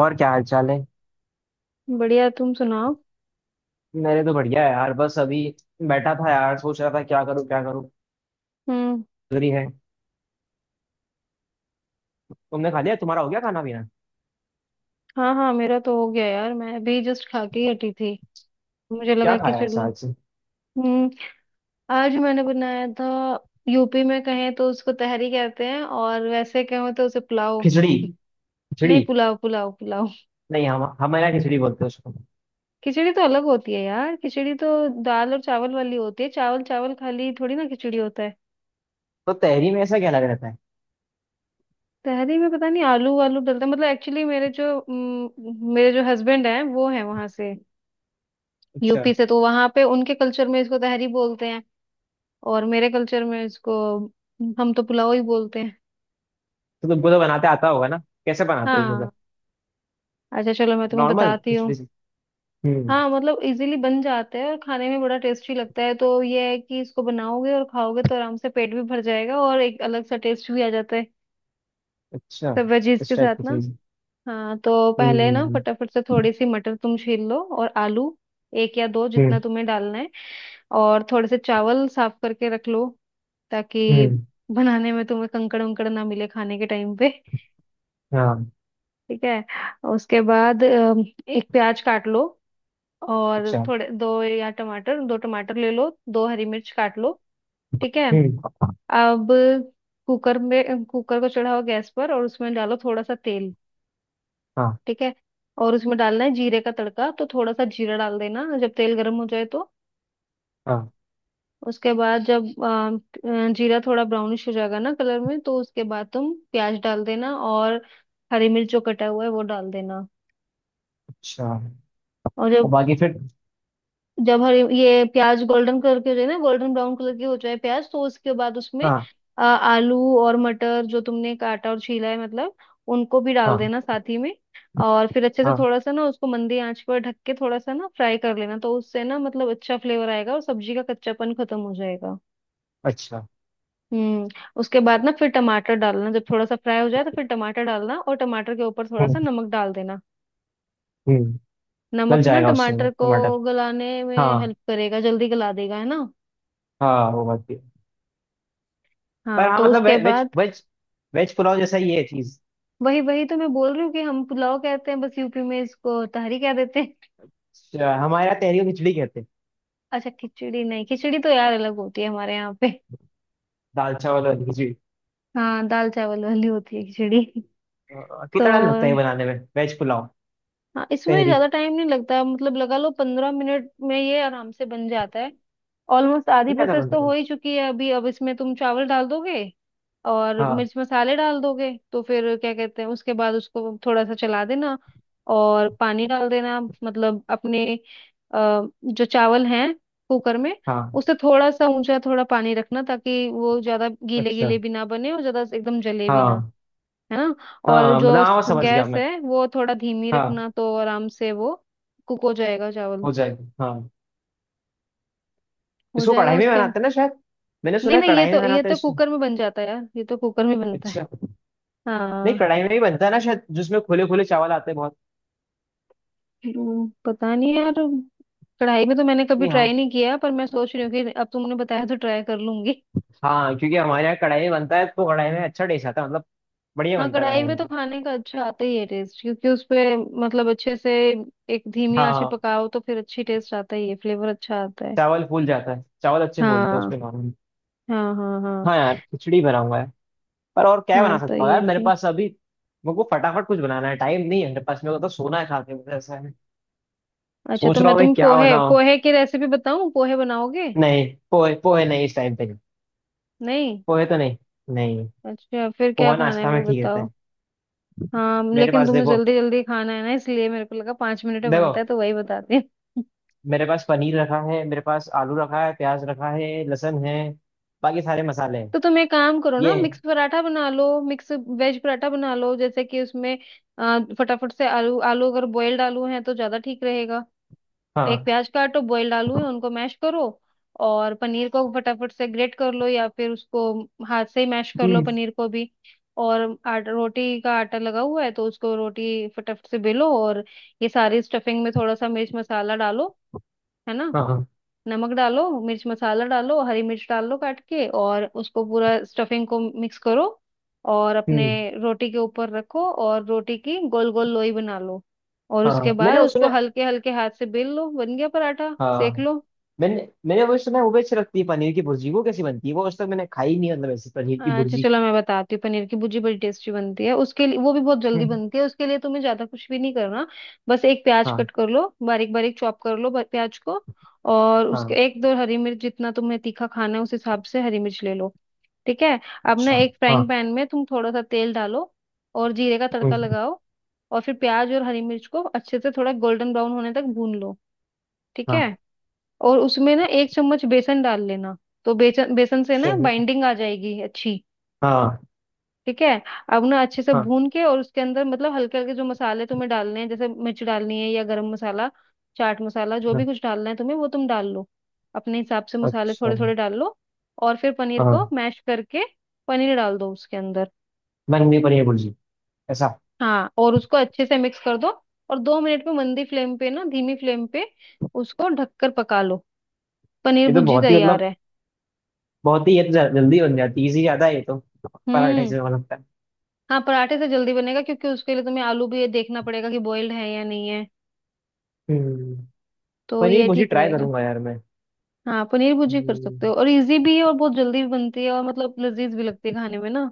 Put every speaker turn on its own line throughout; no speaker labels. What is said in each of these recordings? और क्या हाल चाल है।
बढ़िया। तुम सुनाओ।
मेरे तो बढ़िया है यार, बस अभी बैठा था यार, सोच रहा था क्या करूँ क्या करूँ।
हम्म।
खिचड़ी है। तुमने खा लिया, तुम्हारा हो गया खाना पीना?
हाँ हाँ, मेरा तो हो गया यार। मैं अभी जस्ट खा के ही हटी थी। मुझे
क्या
लगा कि
खाया है
चलो।
आज से?
हम्म। आज मैंने बनाया था। यूपी में कहें तो उसको तहरी कहते हैं, और वैसे कहें तो उसे पुलाव।
खिचड़ी। खिचड़ी।
नहीं, पुलाव पुलाव पुलाव।
नहीं, हम हमारे यहाँ खिचड़ी बोलते हैं उसको।
खिचड़ी तो अलग होती है यार। खिचड़ी तो दाल और चावल वाली होती है। चावल चावल खाली थोड़ी ना खिचड़ी होता है।
तो तहरी में ऐसा क्या लगा रहता है?
तहरी में पता नहीं आलू वालू डलता है। मतलब एक्चुअली मेरे जो मेरे जो हस्बैंड हैं, वो हैं वहां से,
अच्छा।
यूपी से। तो वहां पे उनके कल्चर में इसको तहरी बोलते हैं, और मेरे कल्चर में इसको हम तो पुलाव ही बोलते हैं।
तो तुमको तो बनाते आता होगा ना, कैसे बनाते हैं मतलब?
हाँ, अच्छा चलो मैं तुम्हें
नॉर्मल
बताती हूँ।
खिचड़ी से। हम्म।
हाँ, मतलब इजीली बन जाता है और खाने में बड़ा टेस्टी लगता है। तो ये है कि इसको बनाओगे और खाओगे तो आराम से पेट भी भर जाएगा और एक अलग सा टेस्ट भी आ जाता है।
अच्छा।
सब वेजीज
इस
के
टाइप
साथ
की
ना।
चीज?
हाँ, तो पहले ना
हम्म।
फटाफट से थोड़ी सी मटर तुम छील लो, और आलू एक या दो
हम्म।
जितना तुम्हें डालना है। और थोड़े से चावल साफ करके रख लो, ताकि
हम्म।
बनाने में तुम्हें कंकड़ उंकड़ ना मिले खाने के टाइम पे।
हाँ।
ठीक है। उसके बाद एक प्याज काट लो, और
अच्छा।
थोड़े दो या टमाटर, दो टमाटर ले लो। दो हरी मिर्च काट लो। ठीक है।
हम्म।
अब कुकर में, कुकर को चढ़ाओ गैस पर और उसमें डालो थोड़ा सा तेल।
हाँ
ठीक है। और उसमें डालना है जीरे का तड़का, तो थोड़ा सा जीरा डाल देना जब तेल गर्म हो जाए तो।
हाँ।
उसके बाद जब जीरा थोड़ा ब्राउनिश हो जाएगा ना कलर में, तो उसके बाद तुम प्याज डाल देना और हरी मिर्च जो कटा हुआ है वो डाल देना।
अच्छा।
और
और
जब,
बाकी फिर?
हरी ये प्याज गोल्डन कलर के हो जाए ना, गोल्डन ब्राउन कलर के हो जाए प्याज, तो उसके बाद उसमें
हाँ।
आलू और मटर जो तुमने काटा और छीला है, मतलब उनको भी डाल
हाँ।
देना साथ ही में। और फिर अच्छे से
हाँ।
थोड़ा सा ना उसको मंदी आंच पर ढक के थोड़ा सा ना फ्राई कर लेना। तो उससे ना, मतलब अच्छा फ्लेवर आएगा और सब्जी का कच्चापन खत्म हो जाएगा।
अच्छा।
हम्म। उसके बाद ना फिर टमाटर डालना, जब थोड़ा सा फ्राई हो जाए तो फिर टमाटर डालना, और टमाटर के ऊपर थोड़ा सा नमक डाल देना।
हम्म। गल
नमक ना
जाएगा उससे ना
टमाटर को
टमाटर।
गलाने में हेल्प
हाँ।
करेगा, जल्दी गला देगा, है ना।
हाँ वो बात भी है। पर
हाँ,
हाँ
तो
मतलब
उसके
वे, वेज
बाद,
वेज वेज पुलाव जैसा ही है चीज।
वही वही तो मैं बोल रही हूँ कि हम पुलाव कहते हैं, बस यूपी में इसको तहरी कह देते हैं।
हमारे यहाँ तहरी को खिचड़ी कहते हैं।
अच्छा, खिचड़ी नहीं, खिचड़ी तो यार अलग होती है हमारे यहाँ पे।
दाल चावल वाली खिचड़ी।
हाँ, दाल चावल वाली होती है खिचड़ी। तो
कितना टाइम लगता है बनाने में वेज पुलाव?
हाँ, इसमें
तहरी
ज्यादा टाइम नहीं लगता। मतलब लगा लो 15 मिनट में ये आराम से बन जाता है। ऑलमोस्ट आधी
क्या था
प्रोसेस तो
बनता है?
हो ही चुकी है अभी। अब इसमें तुम चावल डाल दोगे और
हाँ।
मिर्च मसाले डाल दोगे, तो फिर क्या कहते हैं, उसके बाद उसको थोड़ा सा चला देना और पानी डाल देना। मतलब अपने जो चावल हैं कुकर में,
हाँ।
उससे थोड़ा सा ऊंचा थोड़ा पानी रखना, ताकि वो ज्यादा गीले
अच्छा।
गीले भी ना बने और ज्यादा एकदम जले भी ना।
हाँ
है ना। और
हाँ
जो
मतलब हाँ समझ गया
गैस
मैं।
है वो थोड़ा धीमी
हाँ।
रखना, तो आराम से वो कुक हो जाएगा चावल।
हो जाएगी हाँ।
हो
इसको
जाएगा
कढ़ाई में
उसके।
बनाते हैं ना शायद। मैंने
नहीं
सुना है
नहीं,
कढ़ाई में
ये
बनाते हैं
तो
इसको।
कुकर में बन जाता है यार, ये तो कुकर में बनता है।
अच्छा। नहीं,
हाँ।
कढ़ाई में ही बनता है ना शायद, जिसमें खुले खुले चावल आते हैं बहुत।
पता नहीं यार। कढ़ाई में तो मैंने कभी
नहीं
ट्राई
हाँ।
नहीं किया, पर मैं सोच रही हूँ कि अब तुमने बताया तो ट्राई कर लूंगी।
हाँ क्योंकि हमारे यहाँ कढ़ाई में बनता है तो कढ़ाई में अच्छा टेस्ट आता है मतलब। बढ़िया
हाँ,
बनता है
कढ़ाई
कढ़ाई
में
में।
तो खाने का अच्छा आता ही है टेस्ट, क्योंकि उसपे मतलब अच्छे से एक धीमी आंच पे
हाँ।
पकाओ तो फिर अच्छी टेस्ट आता ही है, फ्लेवर अच्छा आता है।
चावल फूल जाता है, चावल अच्छे फूलते हैं
हाँ
उसमें नॉर्मली।
हाँ हाँ हाँ।
हाँ यार, खिचड़ी बनाऊंगा यार। पर और क्या बना
हाँ, तो
सकता हूँ
ये
यार मेरे
ऐसे ही।
पास अभी? मेरे को फटाफट कुछ बनाना है, टाइम नहीं है मेरे पास। मेरे को तो सोना है खा के, मुझे ऐसा है।
अच्छा, तो
सोच रहा
मैं
हूँ मैं
तुम्हें
क्या
पोहे
बनाऊँ।
पोहे की रेसिपी बताऊं, पोहे बनाओगे?
नहीं। पोहे पोहे नहीं, इस टाइम पे नहीं।
नहीं,
पोहे तो नहीं। नहीं।
अच्छा फिर क्या
पोहा
खाना है
नाश्ता में
वो
ठीक रहता
बताओ।
है।
हाँ,
मेरे
लेकिन
पास
तुम्हें
देखो।
जल्दी जल्दी खाना है ना, इसलिए मेरे को लगा 5 मिनट में
देखो।
बनता है तो वही बताती हूँ।
मेरे पास पनीर रखा है, मेरे पास आलू रखा है, प्याज रखा है, लहसुन है। बाकी सारे मसाले हैं।
तो तुम एक काम करो ना,
ये।
मिक्स पराठा बना लो, मिक्स वेज पराठा बना लो। जैसे कि उसमें फटाफट से आलू, आलू अगर बॉयल्ड आलू है तो ज्यादा ठीक रहेगा। एक
हाँ।
प्याज काटो, बॉइल्ड आलू है उनको मैश करो। और पनीर को फटाफट से ग्रेट कर लो, या फिर उसको हाथ से ही मैश कर लो
हम्म।
पनीर को भी। और आटा, रोटी का आटा लगा हुआ है तो उसको रोटी फटाफट से बेलो, और ये सारी स्टफिंग में थोड़ा सा मिर्च मसाला डालो, है ना।
हाँ, हाँ,
नमक डालो, मिर्च मसाला डालो, हरी मिर्च डाल लो काट के, और उसको पूरा स्टफिंग को मिक्स करो। और अपने
हम्म।
रोटी के ऊपर रखो और रोटी की गोल गोल लोई बना लो। और
हाँ।
उसके
हाँ। मैंने
बाद
वो
उसको
सुना।
हल्के हल्के हाथ से बेल लो, बन गया पराठा, सेक
हाँ,
लो।
मैंने मैंने वो सुना है, वो बेच रखती है पनीर की भुर्जी, वो कैसी बनती है, वो आज तक मैंने खाई नहीं है, मतलब ऐसी पनीर की
अच्छा
भुर्जी।
चलो मैं बताती हूँ। पनीर की भुर्जी बड़ी टेस्टी बनती है, उसके लिए वो भी बहुत जल्दी
हम्म।
बनती है, उसके लिए तुम्हें ज्यादा कुछ भी नहीं करना। बस एक प्याज
हाँ।
कट कर लो, बारीक बारीक चॉप कर लो प्याज को। और उसके
हाँ।
एक दो हरी मिर्च, जितना तुम्हें तीखा खाना है उस हिसाब से हरी मिर्च ले लो। ठीक है। अब ना
अच्छा।
एक
हाँ।
फ्राइंग पैन में तुम थोड़ा सा तेल डालो और जीरे का तड़का
हम्म।
लगाओ। और फिर प्याज और हरी मिर्च को अच्छे से थोड़ा गोल्डन ब्राउन होने तक भून लो। ठीक
हाँ।
है। और उसमें ना एक चम्मच बेसन डाल लेना। तो बेसन, बेसन से ना
चलो।
बाइंडिंग आ जाएगी अच्छी।
हाँ हाँ।
ठीक है। अब उन्हें अच्छे से
हाँ,
भून के और उसके अंदर, मतलब हल्के हल्के जो मसाले तुम्हें डालने हैं, जैसे मिर्च डालनी है या गरम मसाला, चाट मसाला, जो भी
हाँ,
कुछ डालना है तुम्हें वो तुम डाल लो, अपने हिसाब से मसाले
अच्छा।
थोड़े थोड़े डाल लो। और फिर पनीर को
हाँ।
मैश करके पनीर डाल दो उसके अंदर।
बन गई पनीर भुर्जी ऐसा?
हाँ, और उसको अच्छे से मिक्स कर दो। और 2 मिनट में मंदी फ्लेम पे ना, धीमी फ्लेम पे उसको ढककर पका लो। पनीर
ये तो
भुर्जी
बहुत ही
तैयार
मतलब,
है।
बहुत ही ये तो जल्दी बन जाती है, इजी ज्यादा है ये तो पराठे
हम्म।
से मुझे लगता है।
हाँ, पराठे से जल्दी बनेगा, क्योंकि उसके लिए तुम्हें आलू भी ये देखना पड़ेगा कि बॉइल्ड है या नहीं है।
हम्म।
तो
पनीर
ये
भुर्जी
ठीक
ट्राई
रहेगा।
करूंगा यार।
हाँ, पनीर भुर्जी कर
मैं
सकते हो, और इजी भी है और बहुत जल्दी भी बनती है, और मतलब लजीज भी लगती है खाने में ना।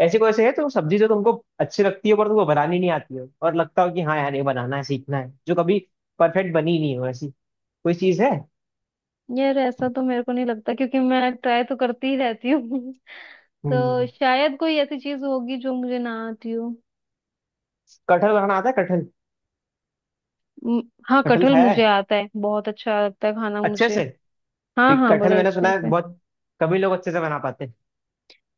ऐसे, कोई ऐसे है तो सब्जी जो तुमको अच्छी लगती है, पर तुमको बनानी नहीं आती हो, और लगता हो कि हाँ यार ये बनाना है, सीखना है, जो कभी परफेक्ट बनी नहीं हो ऐसी, कोई चीज है?
यार ऐसा तो मेरे को नहीं लगता, क्योंकि मैं ट्राई तो करती ही रहती हूँ। तो
हम्म।
शायद कोई ऐसी चीज होगी जो मुझे ना आती हो।
कटहल बनाना आता है कटहल?
म, हाँ
कटहल
कटहल
खाया है
मुझे आता है, बहुत अच्छा लगता है खाना
अच्छे
मुझे।
से?
हाँ
क्योंकि
हाँ
कटहल
बड़े
मैंने सुना
अच्छे
है
से।
बहुत कभी लोग अच्छे से बना पाते हैं।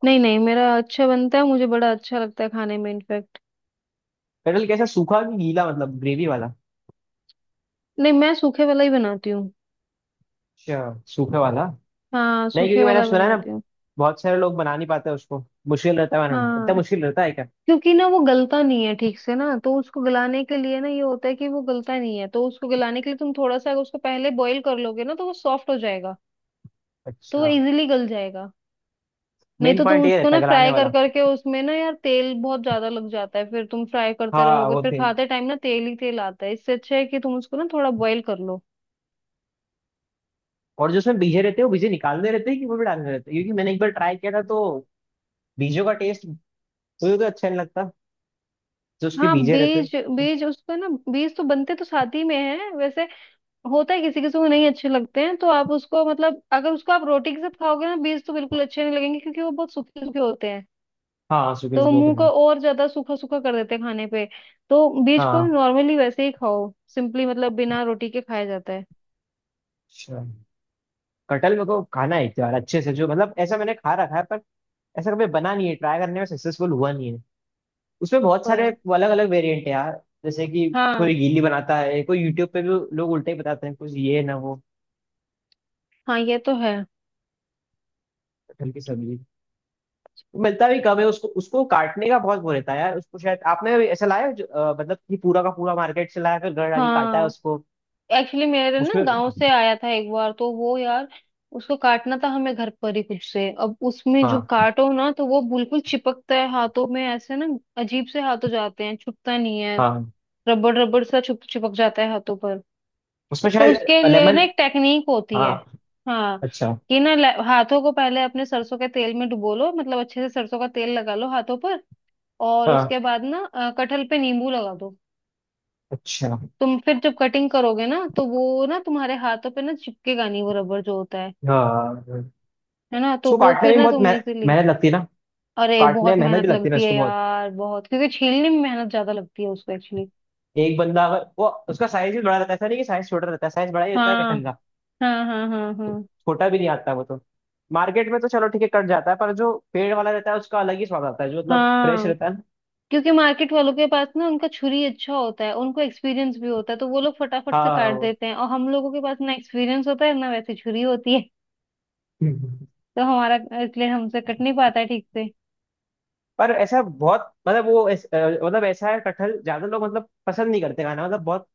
नहीं नहीं मेरा अच्छा बनता है, मुझे बड़ा अच्छा लगता है खाने में इनफेक्ट।
कटहल कैसा, सूखा कि गीला मतलब, ग्रेवी वाला?
नहीं, मैं सूखे वाला ही बनाती हूँ।
अच्छा, सूखे वाला।
हाँ
नहीं,
सूखे
क्योंकि मैंने
वाला
सुना है ना,
बनाती हूँ।
बहुत सारे लोग बना नहीं पाते उसको। मुश्किल रहता है बनाना, इतना
हाँ,
मुश्किल रहता है क्या?
क्योंकि ना वो गलता नहीं है ठीक से ना, तो उसको गलाने के लिए ना ये होता है कि वो गलता नहीं है, तो उसको गलाने के लिए तुम थोड़ा सा अगर उसको पहले बॉईल कर लोगे ना तो वो सॉफ्ट हो जाएगा। तो वो
अच्छा।
इजीली गल जाएगा। नहीं
मेन
तो तुम
पॉइंट ये
उसको
रहता
ना
है गलाने
फ्राई कर
वाला।
करके उसमें ना यार तेल बहुत ज्यादा लग जाता है, फिर तुम फ्राई करते
हाँ
रहोगे
वो
फिर
तेल।
खाते टाइम ना तेल ही तेल आता है। इससे अच्छा है कि तुम उसको ना थोड़ा बॉईल कर लो।
और जो उसमें बीजे रहते हैं, वो बीजे निकालने रहते हैं कि वो भी डालने रहते हैं, क्योंकि मैंने एक बार ट्राई किया था तो बीजों का टेस्ट मुझे तो अच्छा नहीं लगता, जो उसके
हाँ,
बीजे रहते हैं।
बीज बीज उसका ना, बीज तो बनते तो साथ ही में है वैसे। होता है किसी किसी को नहीं अच्छे लगते हैं, तो आप उसको, मतलब अगर उसको आप रोटी के साथ खाओगे ना, बीज तो बिल्कुल अच्छे नहीं लगेंगे, क्योंकि वो बहुत सूखे सूखे होते हैं।
हाँ सूखे
तो वो
सूखे होते
मुंह को
हैं।
और ज्यादा सूखा सूखा कर देते हैं खाने पे। तो बीज को
हाँ।
नॉर्मली वैसे ही खाओ सिंपली, मतलब बिना रोटी के खाया जाता है।
अच्छा। कटहल मेरे को खाना है एक बार अच्छे से, जो मतलब ऐसा मैंने खा रखा है पर ऐसा कभी बना नहीं है, ट्राई करने में सक्सेसफुल हुआ नहीं है। उसमें बहुत सारे
कोई।
अलग अलग वेरिएंट है यार, जैसे कि
हाँ
कोई गीली बनाता है, कोई यूट्यूब पे भी लोग उल्टे ही बताते हैं कुछ ये ना वो।
हाँ, ये तो है।
कटहल की सब्जी मिलता भी कम है उसको। उसको काटने का बहुत वो रहता है यार। उसको शायद आपने ऐसा लाया है जो, मतलब कि पूरा का पूरा मार्केट से लाया, फिर घर आके काटा है
हाँ,
उसको
एक्चुअली मेरे ना
उसमें।
गांव से आया था एक बार, तो वो यार उसको काटना था हमें घर पर ही खुद से। अब उसमें जो
हाँ।
काटो ना तो वो बिल्कुल चिपकता है हाथों में ऐसे ना। अजीब से हाथों जाते हैं, छुटता नहीं है।
हाँ।
रबड़ रबड़ सा छुप चिपक जाता है हाथों पर।
उसमें
तो
शायद
उसके लिए
लेमन।
ना एक टेक्निक होती
हाँ।
है। हाँ,
अच्छा।
कि ना हाथों को पहले अपने सरसों के तेल में डुबो लो, मतलब अच्छे से सरसों का तेल लगा लो हाथों पर। और
हाँ।
उसके बाद ना कटहल पे नींबू लगा दो।
अच्छा।
तुम फिर जब कटिंग करोगे ना तो वो ना तुम्हारे हाथों पे ना चिपकेगा नहीं, वो रबड़ जो होता है
हाँ।
है ना, तो
उसको
वो
काटने
फिर
में
ना
बहुत
तुम इजीली।
मेहनत लगती है ना?
अरे
काटने
बहुत
में मेहनत भी
मेहनत
लगती है ना
लगती है
उसको बहुत।
यार बहुत, क्योंकि छीलने में मेहनत ज्यादा लगती है उसको एक्चुअली।
एक बंदा, अगर वो, उसका साइज भी बड़ा रहता है, ऐसा नहीं कि साइज छोटा रहता है, साइज बड़ा ही रहता है
हाँ
कटहल का।
हाँ हाँ हाँ हाँ
छोटा भी नहीं आता वो तो। मार्केट में तो चलो ठीक है कट जाता है, पर जो पेड़ वाला रहता है उसका अलग ही स्वाद आता है, जो मतलब फ्रेश
हाँ,
रहता है ना।
क्योंकि मार्केट वालों के पास ना उनका छुरी अच्छा होता है, उनको एक्सपीरियंस भी होता है, तो वो लोग फटाफट से काट
हाँ।
देते हैं। और हम लोगों के पास ना एक्सपीरियंस होता है ना वैसी छुरी होती है।
वो।
तो हमारा, इसलिए हमसे कट नहीं पाता है ठीक से।
पर ऐसा बहुत मतलब वो मतलब ऐसा है कटहल ज्यादा लोग मतलब पसंद नहीं करते खाना, मतलब बहुत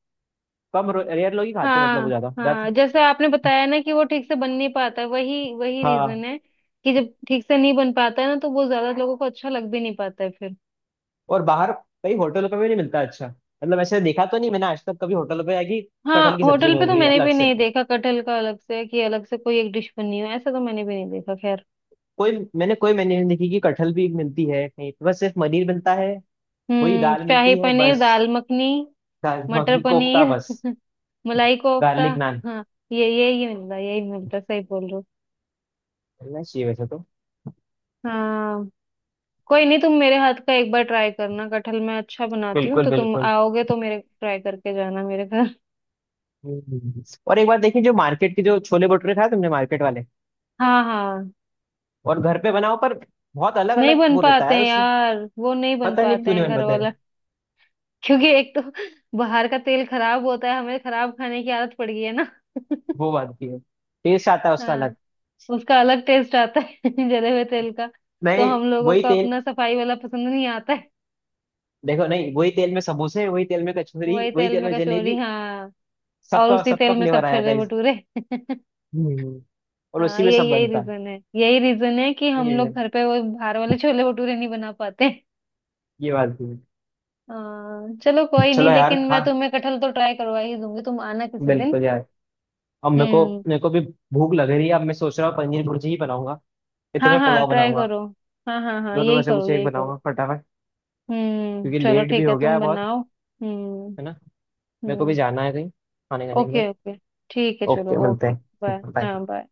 कम, रेयर लोग ही खाते हैं, मतलब वो
हाँ
ज्यादा ज्यादा।
हाँ, जैसे आपने बताया ना कि वो ठीक से बन नहीं पाता है, वही वही रीजन
हाँ।
है कि जब ठीक से नहीं बन पाता है ना तो वो ज्यादा लोगों को अच्छा लग भी नहीं पाता है फिर।
और बाहर कई होटलों पे भी नहीं मिलता अच्छा मतलब, ऐसे देखा तो नहीं मैंने आज तक कभी होटलों पे आएगी
हाँ,
कटहल की सब्जी
होटल पे
मिल
तो
रही है
मैंने
अलग
भी
से
नहीं देखा कटहल का अलग से, कि अलग से कोई एक डिश बनी हो, ऐसा तो मैंने भी नहीं देखा। खैर।
कोई। मैंने कोई मेन्यू नहीं देखी कि कटहल भी मिलती है कहीं, बस सिर्फ पनीर मिलता है। वही
हम्म,
दाल
शाही
मिलती है
पनीर,
बस।
दाल मखनी,
दाल
मटर
मखनी, कोफ्ता
पनीर
बस।
मलाई कोफ्ता।
गार्लिक नान।
हाँ, ये यही मिलता, यही मिलता। सही बोल रहे हो।
मिलना चाहिए वैसे तो।
हाँ, कोई नहीं, तुम मेरे हाथ का एक बार ट्राई करना कटहल, मैं अच्छा बनाती हूँ,
बिल्कुल
तो तुम
बिल्कुल।
आओगे तो मेरे ट्राई करके जाना मेरे घर।
हम्म। और एक बार देखिए, जो मार्केट के जो छोले भटूरे खाए तुमने मार्केट वाले,
हाँ हाँ।
और घर पे बनाओ, पर बहुत अलग
नहीं
अलग
बन
वो रहता
पाते
है
हैं
उसमें।
यार, वो नहीं बन
पता नहीं
पाते
क्यों नहीं
हैं
बन
घर
पाता
वाला।
है।
क्योंकि एक तो बाहर का तेल खराब होता है, हमें खराब खाने की आदत पड़ गई है ना।
वो बात की है। टेस्ट आता है उसका अलग।
हाँ, उसका अलग टेस्ट आता है जले हुए तेल का। तो
नहीं
हम लोगों
वही
को
तेल।
अपना सफाई वाला पसंद नहीं आता।
देखो, नहीं वही तेल में समोसे, वही तेल में कचौरी,
वही
वही
तेल
तेल
में
में
कचौरी,
जलेबी,
हाँ, और
सबका
उसी
सबका
तेल में सब
फ्लेवर आ जाता
छोले
है।
भटूरे।
हम्म, और
हाँ,
उसी में सब
यही यही
बनता है।
रीजन है, यही रीजन है कि हम लोग
ये
घर पे वो बाहर वाले छोले भटूरे नहीं बना पाते।
ये बात भी है।
हाँ चलो, कोई नहीं,
चलो यार
लेकिन
खा,
मैं तुम्हें कटहल तो ट्राई करवा ही दूंगी, तुम आना किसी दिन।
बिल्कुल यार। अब मेरे को,
हम्म।
मेरे को भी भूख लग रही है। अब मैं सोच रहा हूँ पनीर भुर्जी ही बनाऊंगा, ये तो,
हाँ
मैं
हाँ,
पुलाव
ट्राई
बनाऊंगा।
करो। हाँ हाँ हाँ,
दोनों में
यही
से
करो
कुछ एक
यही करो।
बनाऊंगा फटाफट,
हम्म,
क्योंकि
चलो
लेट भी
ठीक है,
हो गया
तुम
है बहुत,
बनाओ। हम्म।
है ना। मेरे को भी
हम्म।
जाना है कहीं खाने खाने के लिए।
Okay okay. ठीक है, चलो,
ओके, मिलते
ओके।
हैं,
बाय।
बाय।
हाँ, बाय।